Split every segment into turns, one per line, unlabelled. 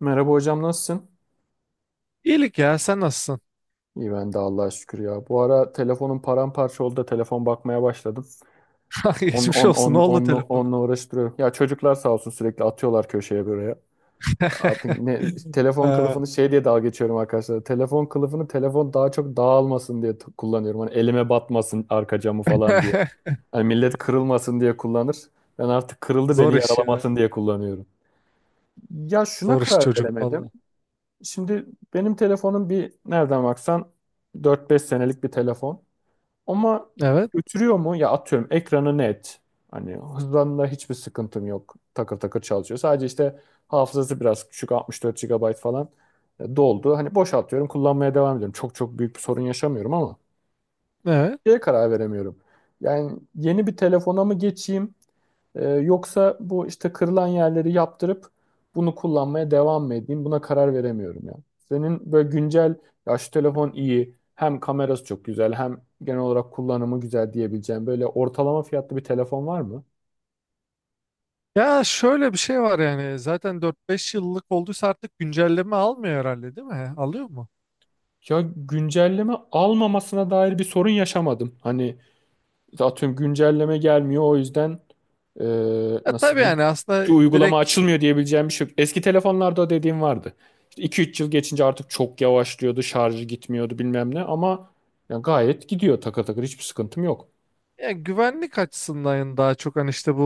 Merhaba hocam, nasılsın?
İyilik ya, sen nasılsın?
İyi ben de Allah'a şükür ya. Bu ara telefonum paramparça oldu da telefon bakmaya başladım. On,
Geçmiş
on,
olsun,
on,
ne oldu
onunla,
telefonu?
onunla uğraştırıyorum. Ya çocuklar sağ olsun, sürekli atıyorlar köşeye buraya. Artık ne telefon
Ee,
kılıfını şey diye dalga geçiyorum arkadaşlar. Telefon kılıfını telefon daha çok dağılmasın diye kullanıyorum. Hani elime batmasın arka camı falan diye. Hani millet kırılmasın diye kullanır. Ben artık kırıldı,
zor
beni
iş ya.
yaralamasın diye kullanıyorum. Ya, şuna
Zor iş
karar
çocuk,
veremedim.
valla.
Şimdi benim telefonum bir nereden baksan 4-5 senelik bir telefon. Ama
Evet,
götürüyor mu? Ya, atıyorum ekranı net. Hani hızlanında hiçbir sıkıntım yok. Takır takır çalışıyor. Sadece işte hafızası biraz küçük, 64 gigabayt falan doldu. Hani boşaltıyorum, kullanmaya devam ediyorum. Çok çok büyük bir sorun yaşamıyorum ama
evet.
şeye karar veremiyorum. Yani yeni bir telefona mı geçeyim? Yoksa bu işte kırılan yerleri yaptırıp bunu kullanmaya devam mı edeyim? Buna karar veremiyorum ya. Senin böyle güncel, ya şu telefon iyi, hem kamerası çok güzel, hem genel olarak kullanımı güzel diyebileceğim böyle ortalama fiyatlı bir telefon var mı?
Ya şöyle bir şey var, yani zaten 4-5 yıllık olduysa artık güncelleme almıyor herhalde, değil mi? Alıyor mu?
Ya, güncelleme almamasına dair bir sorun yaşamadım. Hani atıyorum güncelleme gelmiyor, o yüzden. e,
Ya
Nasıl
tabii,
diyeyim?
yani aslında
Şu uygulama
direkt,
açılmıyor diyebileceğim bir şey yok. Eski telefonlarda dediğim vardı. İşte 2-3 yıl geçince artık çok yavaşlıyordu, şarjı gitmiyordu bilmem ne, ama ya gayet gidiyor, takır takır, hiçbir sıkıntım yok.
ya güvenlik açısından daha çok hani işte bu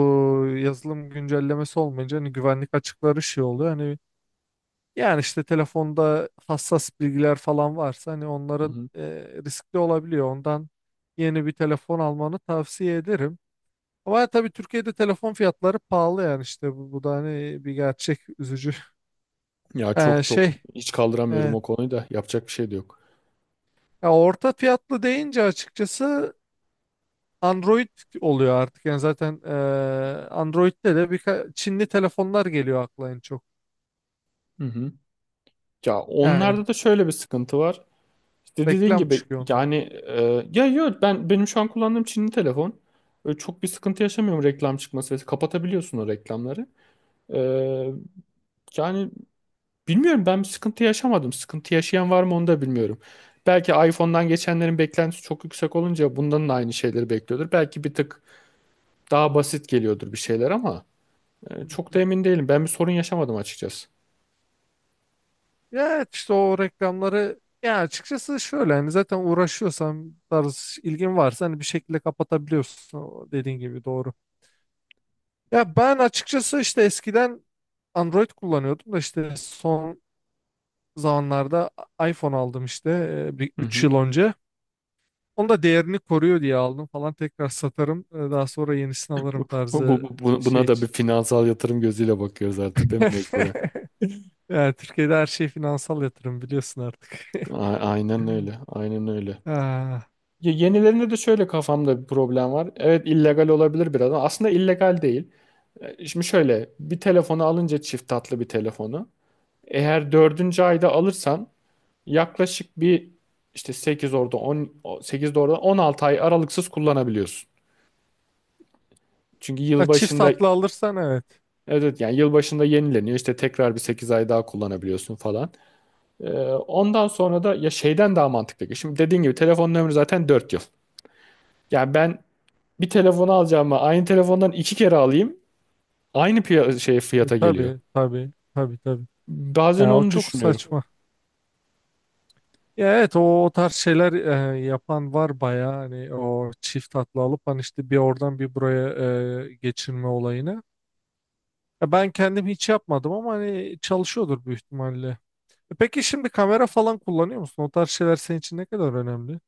yazılım güncellemesi olmayınca hani güvenlik açıkları şey oluyor. Hani, yani işte telefonda hassas bilgiler falan varsa hani
Hı
onların
hı.
riskli olabiliyor. Ondan yeni bir telefon almanı tavsiye ederim. Ama tabii Türkiye'de telefon fiyatları pahalı, yani işte bu da hani bir gerçek, üzücü.
Ya çok
E,
çok
şey
hiç kaldıramıyorum
evet.
o konuyu da, yapacak bir şey de yok.
Ya orta fiyatlı deyince açıkçası Android oluyor artık. Yani zaten Android'de de birkaç Çinli telefonlar geliyor akla en çok.
Hı hı. Ya,
Yani
onlarda da şöyle bir sıkıntı var. İşte dediğin
reklam
gibi,
çıkıyor.
yani ya yok, benim şu an kullandığım Çinli telefon, öyle çok bir sıkıntı yaşamıyorum. Reklam çıkması ve kapatabiliyorsun o reklamları. E, Yani bilmiyorum, ben bir sıkıntı yaşamadım. Sıkıntı yaşayan var mı onu da bilmiyorum. Belki iPhone'dan geçenlerin beklentisi çok yüksek olunca bundan da aynı şeyleri bekliyordur. Belki bir tık daha basit geliyordur bir şeyler, ama çok da emin değilim. Ben bir sorun yaşamadım açıkçası.
Ya evet, işte o reklamları, ya açıkçası şöyle hani zaten uğraşıyorsan tarz ilgin varsa hani bir şekilde kapatabiliyorsun, o dediğin gibi, doğru. Ya ben açıkçası işte eskiden Android kullanıyordum da işte son zamanlarda iPhone aldım işte bir
Hı
3
hı.
yıl önce. Onu da değerini koruyor diye aldım falan, tekrar satarım daha sonra yenisini alırım
Bu, bu,
tarzı
bu- bu-
şey
buna da bir
için.
finansal yatırım gözüyle bakıyoruz artık, değil mi, mecburen?
Yani Türkiye'de her şey finansal yatırım, biliyorsun artık.
Aynen öyle. Aynen öyle.
Ah.
Ya, yenilerinde de şöyle kafamda bir problem var. Evet, illegal olabilir biraz ama aslında illegal değil. Şimdi, şöyle bir telefonu alınca, çift tatlı bir telefonu, eğer dördüncü ayda alırsan yaklaşık bir işte 8 orada 10 8 orada 16 ay aralıksız kullanabiliyorsun. Çünkü
Ha, çift
yılbaşında, evet
tatlı alırsan evet.
evet, yani yılbaşında yenileniyor, işte tekrar bir 8 ay daha kullanabiliyorsun falan. Ondan sonra da ya şeyden daha mantıklı. Şimdi dediğin gibi telefonun ömrü zaten 4 yıl. Yani ben bir telefonu alacağıma aynı telefondan iki kere alayım. Aynı şey fiyata geliyor.
Tabii, tabii, tabii, tabii.
Bazen
Ya o
onu
çok
düşünüyorum.
saçma. Ya evet, o tarz şeyler yapan var bayağı, hani o çift tatlı alıp hani işte bir oradan bir buraya geçirme olayını. Ya ben kendim hiç yapmadım ama hani çalışıyordur büyük ihtimalle. Peki, şimdi kamera falan kullanıyor musun? O tarz şeyler senin için ne kadar önemli?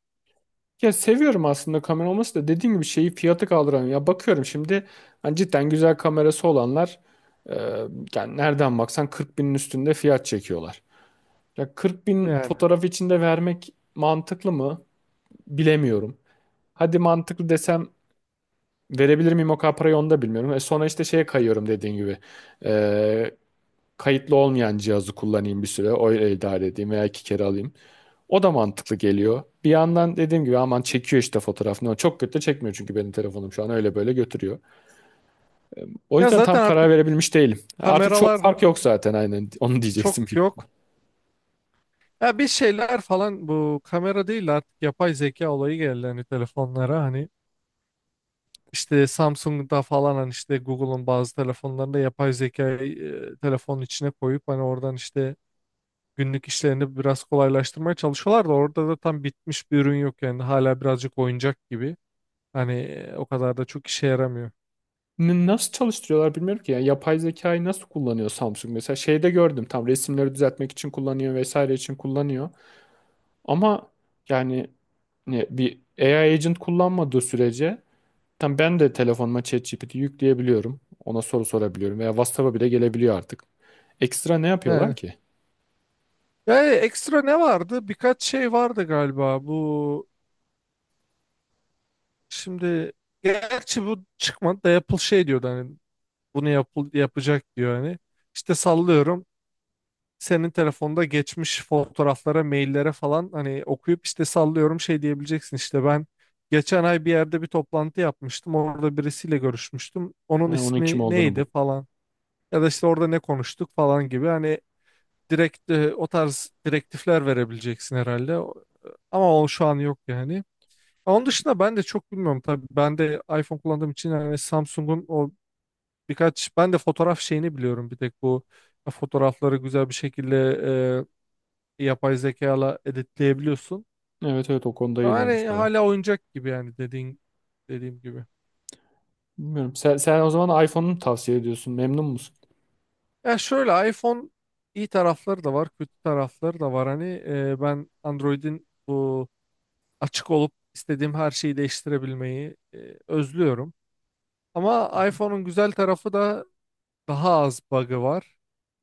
Ya, seviyorum aslında kamera olması da, dediğim gibi şeyi, fiyatı kaldıramıyorum. Ya bakıyorum şimdi, hani cidden güzel kamerası olanlar e, yani nereden baksan 40 binin üstünde fiyat çekiyorlar. Ya 40 bin
Yani.
fotoğraf içinde vermek mantıklı mı? Bilemiyorum. Hadi mantıklı desem, verebilir miyim o kadar parayı, onu da bilmiyorum. Sonra işte şeye kayıyorum, dediğin gibi. Kayıtlı olmayan cihazı kullanayım bir süre, öyle idare edeyim veya iki kere alayım. O da mantıklı geliyor. Bir yandan dediğim gibi, aman, çekiyor işte fotoğraf. Ne o çok kötü de çekmiyor, çünkü benim telefonum şu an öyle böyle götürüyor. O
Ya
yüzden
zaten
tam karar
artık
verebilmiş değilim. Artık çok
kameralar
fark yok zaten, aynen onu diyeceksin
çok
büyük ihtimal.
yok. Ya bir şeyler falan, bu kamera değil artık yapay zeka olayı geldi hani telefonlara, hani işte Samsung'da falan, hani işte Google'un bazı telefonlarında yapay zekayı telefonun içine koyup hani oradan işte günlük işlerini biraz kolaylaştırmaya çalışıyorlar da orada da tam bitmiş bir ürün yok, yani hala birazcık oyuncak gibi, hani o kadar da çok işe yaramıyor.
Nasıl çalıştırıyorlar bilmiyorum ki. Yani yapay zekayı nasıl kullanıyor Samsung mesela? Şeyde gördüm, tam resimleri düzeltmek için kullanıyor, vesaire için kullanıyor. Ama yani ne, bir AI agent kullanmadığı sürece, tam ben de telefonuma ChatGPT yükleyebiliyorum. Ona soru sorabiliyorum veya WhatsApp'a bile gelebiliyor artık. Ekstra ne yapıyorlar
Yani,
ki?
yani, ekstra ne vardı? Birkaç şey vardı galiba, bu şimdi, gerçi bu çıkmadı da Apple şey diyordu hani bunu yapacak diyor hani. İşte sallıyorum, senin telefonda geçmiş fotoğraflara, maillere falan hani okuyup işte sallıyorum şey diyebileceksin, işte ben geçen ay bir yerde bir toplantı yapmıştım, orada birisiyle görüşmüştüm, onun
Ha, onun kim
ismi
olduğunu bul.
neydi falan, ya da işte orada ne konuştuk falan gibi, hani direkt o tarz direktifler verebileceksin herhalde. Ama o şu an yok yani. Onun dışında ben de çok bilmiyorum tabii. Ben de iPhone kullandığım için, yani Samsung'un o birkaç, ben de fotoğraf şeyini biliyorum, bir tek bu fotoğrafları güzel bir şekilde yapay zekayla editleyebiliyorsun.
Evet evet, o konuda
Ama hani
iyilermiş baya.
hala oyuncak gibi, yani dediğim gibi.
Bilmiyorum. Sen o zaman iPhone'u mu tavsiye ediyorsun? Memnun musun?
Ya şöyle, iPhone iyi tarafları da var, kötü tarafları da var. Hani ben Android'in bu açık olup istediğim her şeyi değiştirebilmeyi özlüyorum.
Hı
Ama
hı.
iPhone'un güzel tarafı da daha az bug'ı var.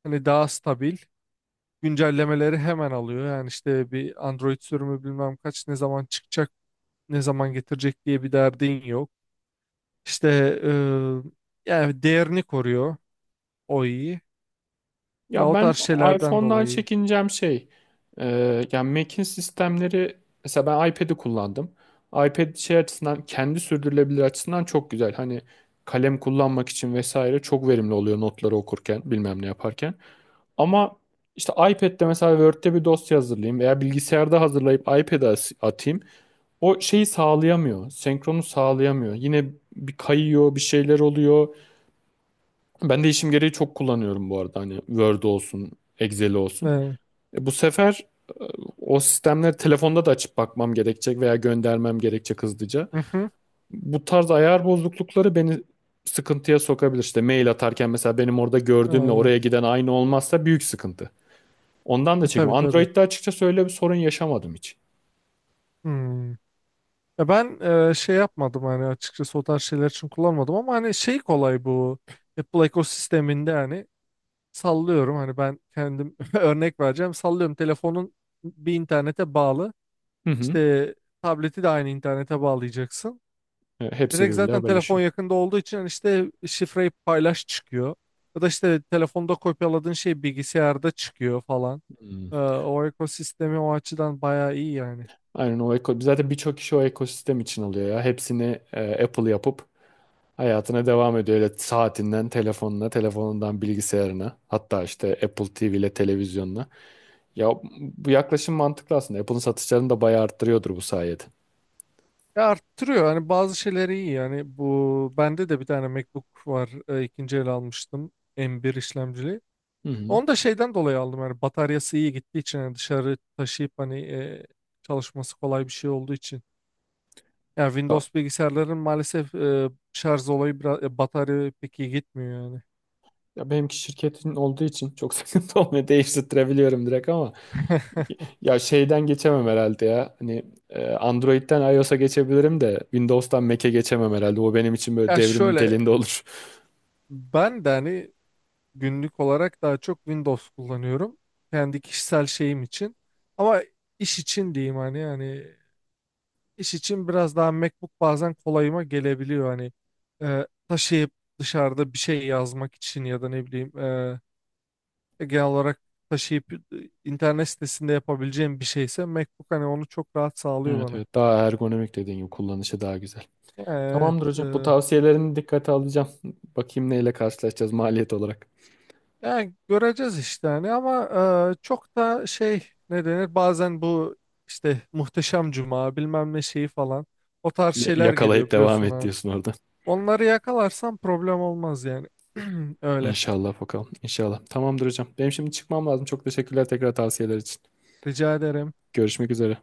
Hani daha stabil. Güncellemeleri hemen alıyor. Yani işte bir Android sürümü bilmem kaç ne zaman çıkacak, ne zaman getirecek diye bir derdin yok. İşte yani değerini koruyor, o iyi. Ya
Ya
o
ben
tarz şeylerden
iPhone'dan
dolayı.
çekineceğim şey, e, yani Mac'in sistemleri, mesela ben iPad'i kullandım. iPad şey açısından, kendi sürdürülebilir açısından çok güzel. Hani kalem kullanmak için vesaire çok verimli oluyor, notları okurken bilmem ne yaparken. Ama işte iPad'de mesela Word'de bir dosya hazırlayayım veya bilgisayarda hazırlayıp iPad'e atayım, o şeyi sağlayamıyor. Senkronu sağlayamıyor. Yine bir kayıyor, bir şeyler oluyor. Ben de işim gereği çok kullanıyorum bu arada. Hani Word olsun, Excel olsun.
E,
Bu sefer e, o sistemleri telefonda da açıp bakmam gerekecek veya göndermem gerekecek hızlıca.
hı hı,
Bu tarz ayar bozuklukları beni sıkıntıya sokabilir. İşte mail atarken mesela, benim orada gördüğümle
e,
oraya giden aynı olmazsa büyük sıkıntı. Ondan da çekim.
tabii, tabii.
Android'de açıkçası öyle bir sorun yaşamadım hiç.
Hmm. Ya ben şey yapmadım hani, açıkçası o tarz şeyler için kullanmadım, ama hani şey kolay bu Apple ekosisteminde. Hani sallıyorum, hani ben kendim örnek vereceğim, sallıyorum telefonun bir internete bağlı,
Hı hı.
İşte tableti de aynı internete bağlayacaksın.
Hepsi
Direkt
birbiriyle
zaten telefon
haberleşiyor.
yakında olduğu için hani işte şifreyi paylaş çıkıyor. Ya da işte telefonda kopyaladığın şey bilgisayarda çıkıyor falan.
Hmm.
O ekosistemi o açıdan bayağı iyi yani.
Aynen, o eko zaten birçok kişi o ekosistem için alıyor ya. Hepsini Apple yapıp hayatına devam ediyor. Öyle saatinden telefonuna, telefonundan bilgisayarına, hatta işte Apple TV ile televizyonuna. Ya bu yaklaşım mantıklı aslında. Apple'ın satışlarını da bayağı arttırıyordur bu sayede.
Ya arttırıyor, hani bazı şeyleri iyi, yani bu bende de bir tane MacBook var, ikinci el almıştım, M1 işlemcili.
Hı hı.
Onu da şeyden dolayı aldım, yani bataryası iyi gittiği için, yani dışarı taşıyıp hani çalışması kolay bir şey olduğu için. Ya
Ya,
Windows bilgisayarların maalesef şarj olayı biraz batarya pek iyi gitmiyor yani.
ya benimki şirketin olduğu için çok sıkıntı olmuyor. Değiştirebiliyorum direkt ama. Ya şeyden geçemem herhalde ya. Hani Android'den iOS'a geçebilirim de Windows'tan Mac'e geçemem herhalde. O benim için böyle
Ya
devrim
şöyle,
niteliğinde olur.
ben de hani günlük olarak daha çok Windows kullanıyorum, kendi kişisel şeyim için. Ama iş için diyeyim hani, yani iş için biraz daha MacBook bazen kolayıma gelebiliyor, hani taşıyıp dışarıda bir şey yazmak için, ya da ne bileyim genel olarak taşıyıp internet sitesinde yapabileceğim bir şeyse MacBook hani onu çok rahat sağlıyor
Evet
bana.
evet, daha ergonomik dediğin gibi, kullanışı daha güzel.
Evet.
Tamamdır hocam. Bu tavsiyelerini dikkate alacağım. Bakayım neyle karşılaşacağız maliyet olarak.
Yani göreceğiz işte hani, ama çok da şey, ne denir bazen bu işte Muhteşem Cuma bilmem ne şeyi falan, o tarz şeyler
Yakalayıp
geliyor
devam
biliyorsun
et
hani.
diyorsun orada.
Onları yakalarsam problem olmaz yani. Öyle.
İnşallah bakalım. İnşallah. Tamamdır hocam. Benim şimdi çıkmam lazım. Çok teşekkürler, tekrar, tavsiyeler için.
Rica ederim.
Görüşmek üzere.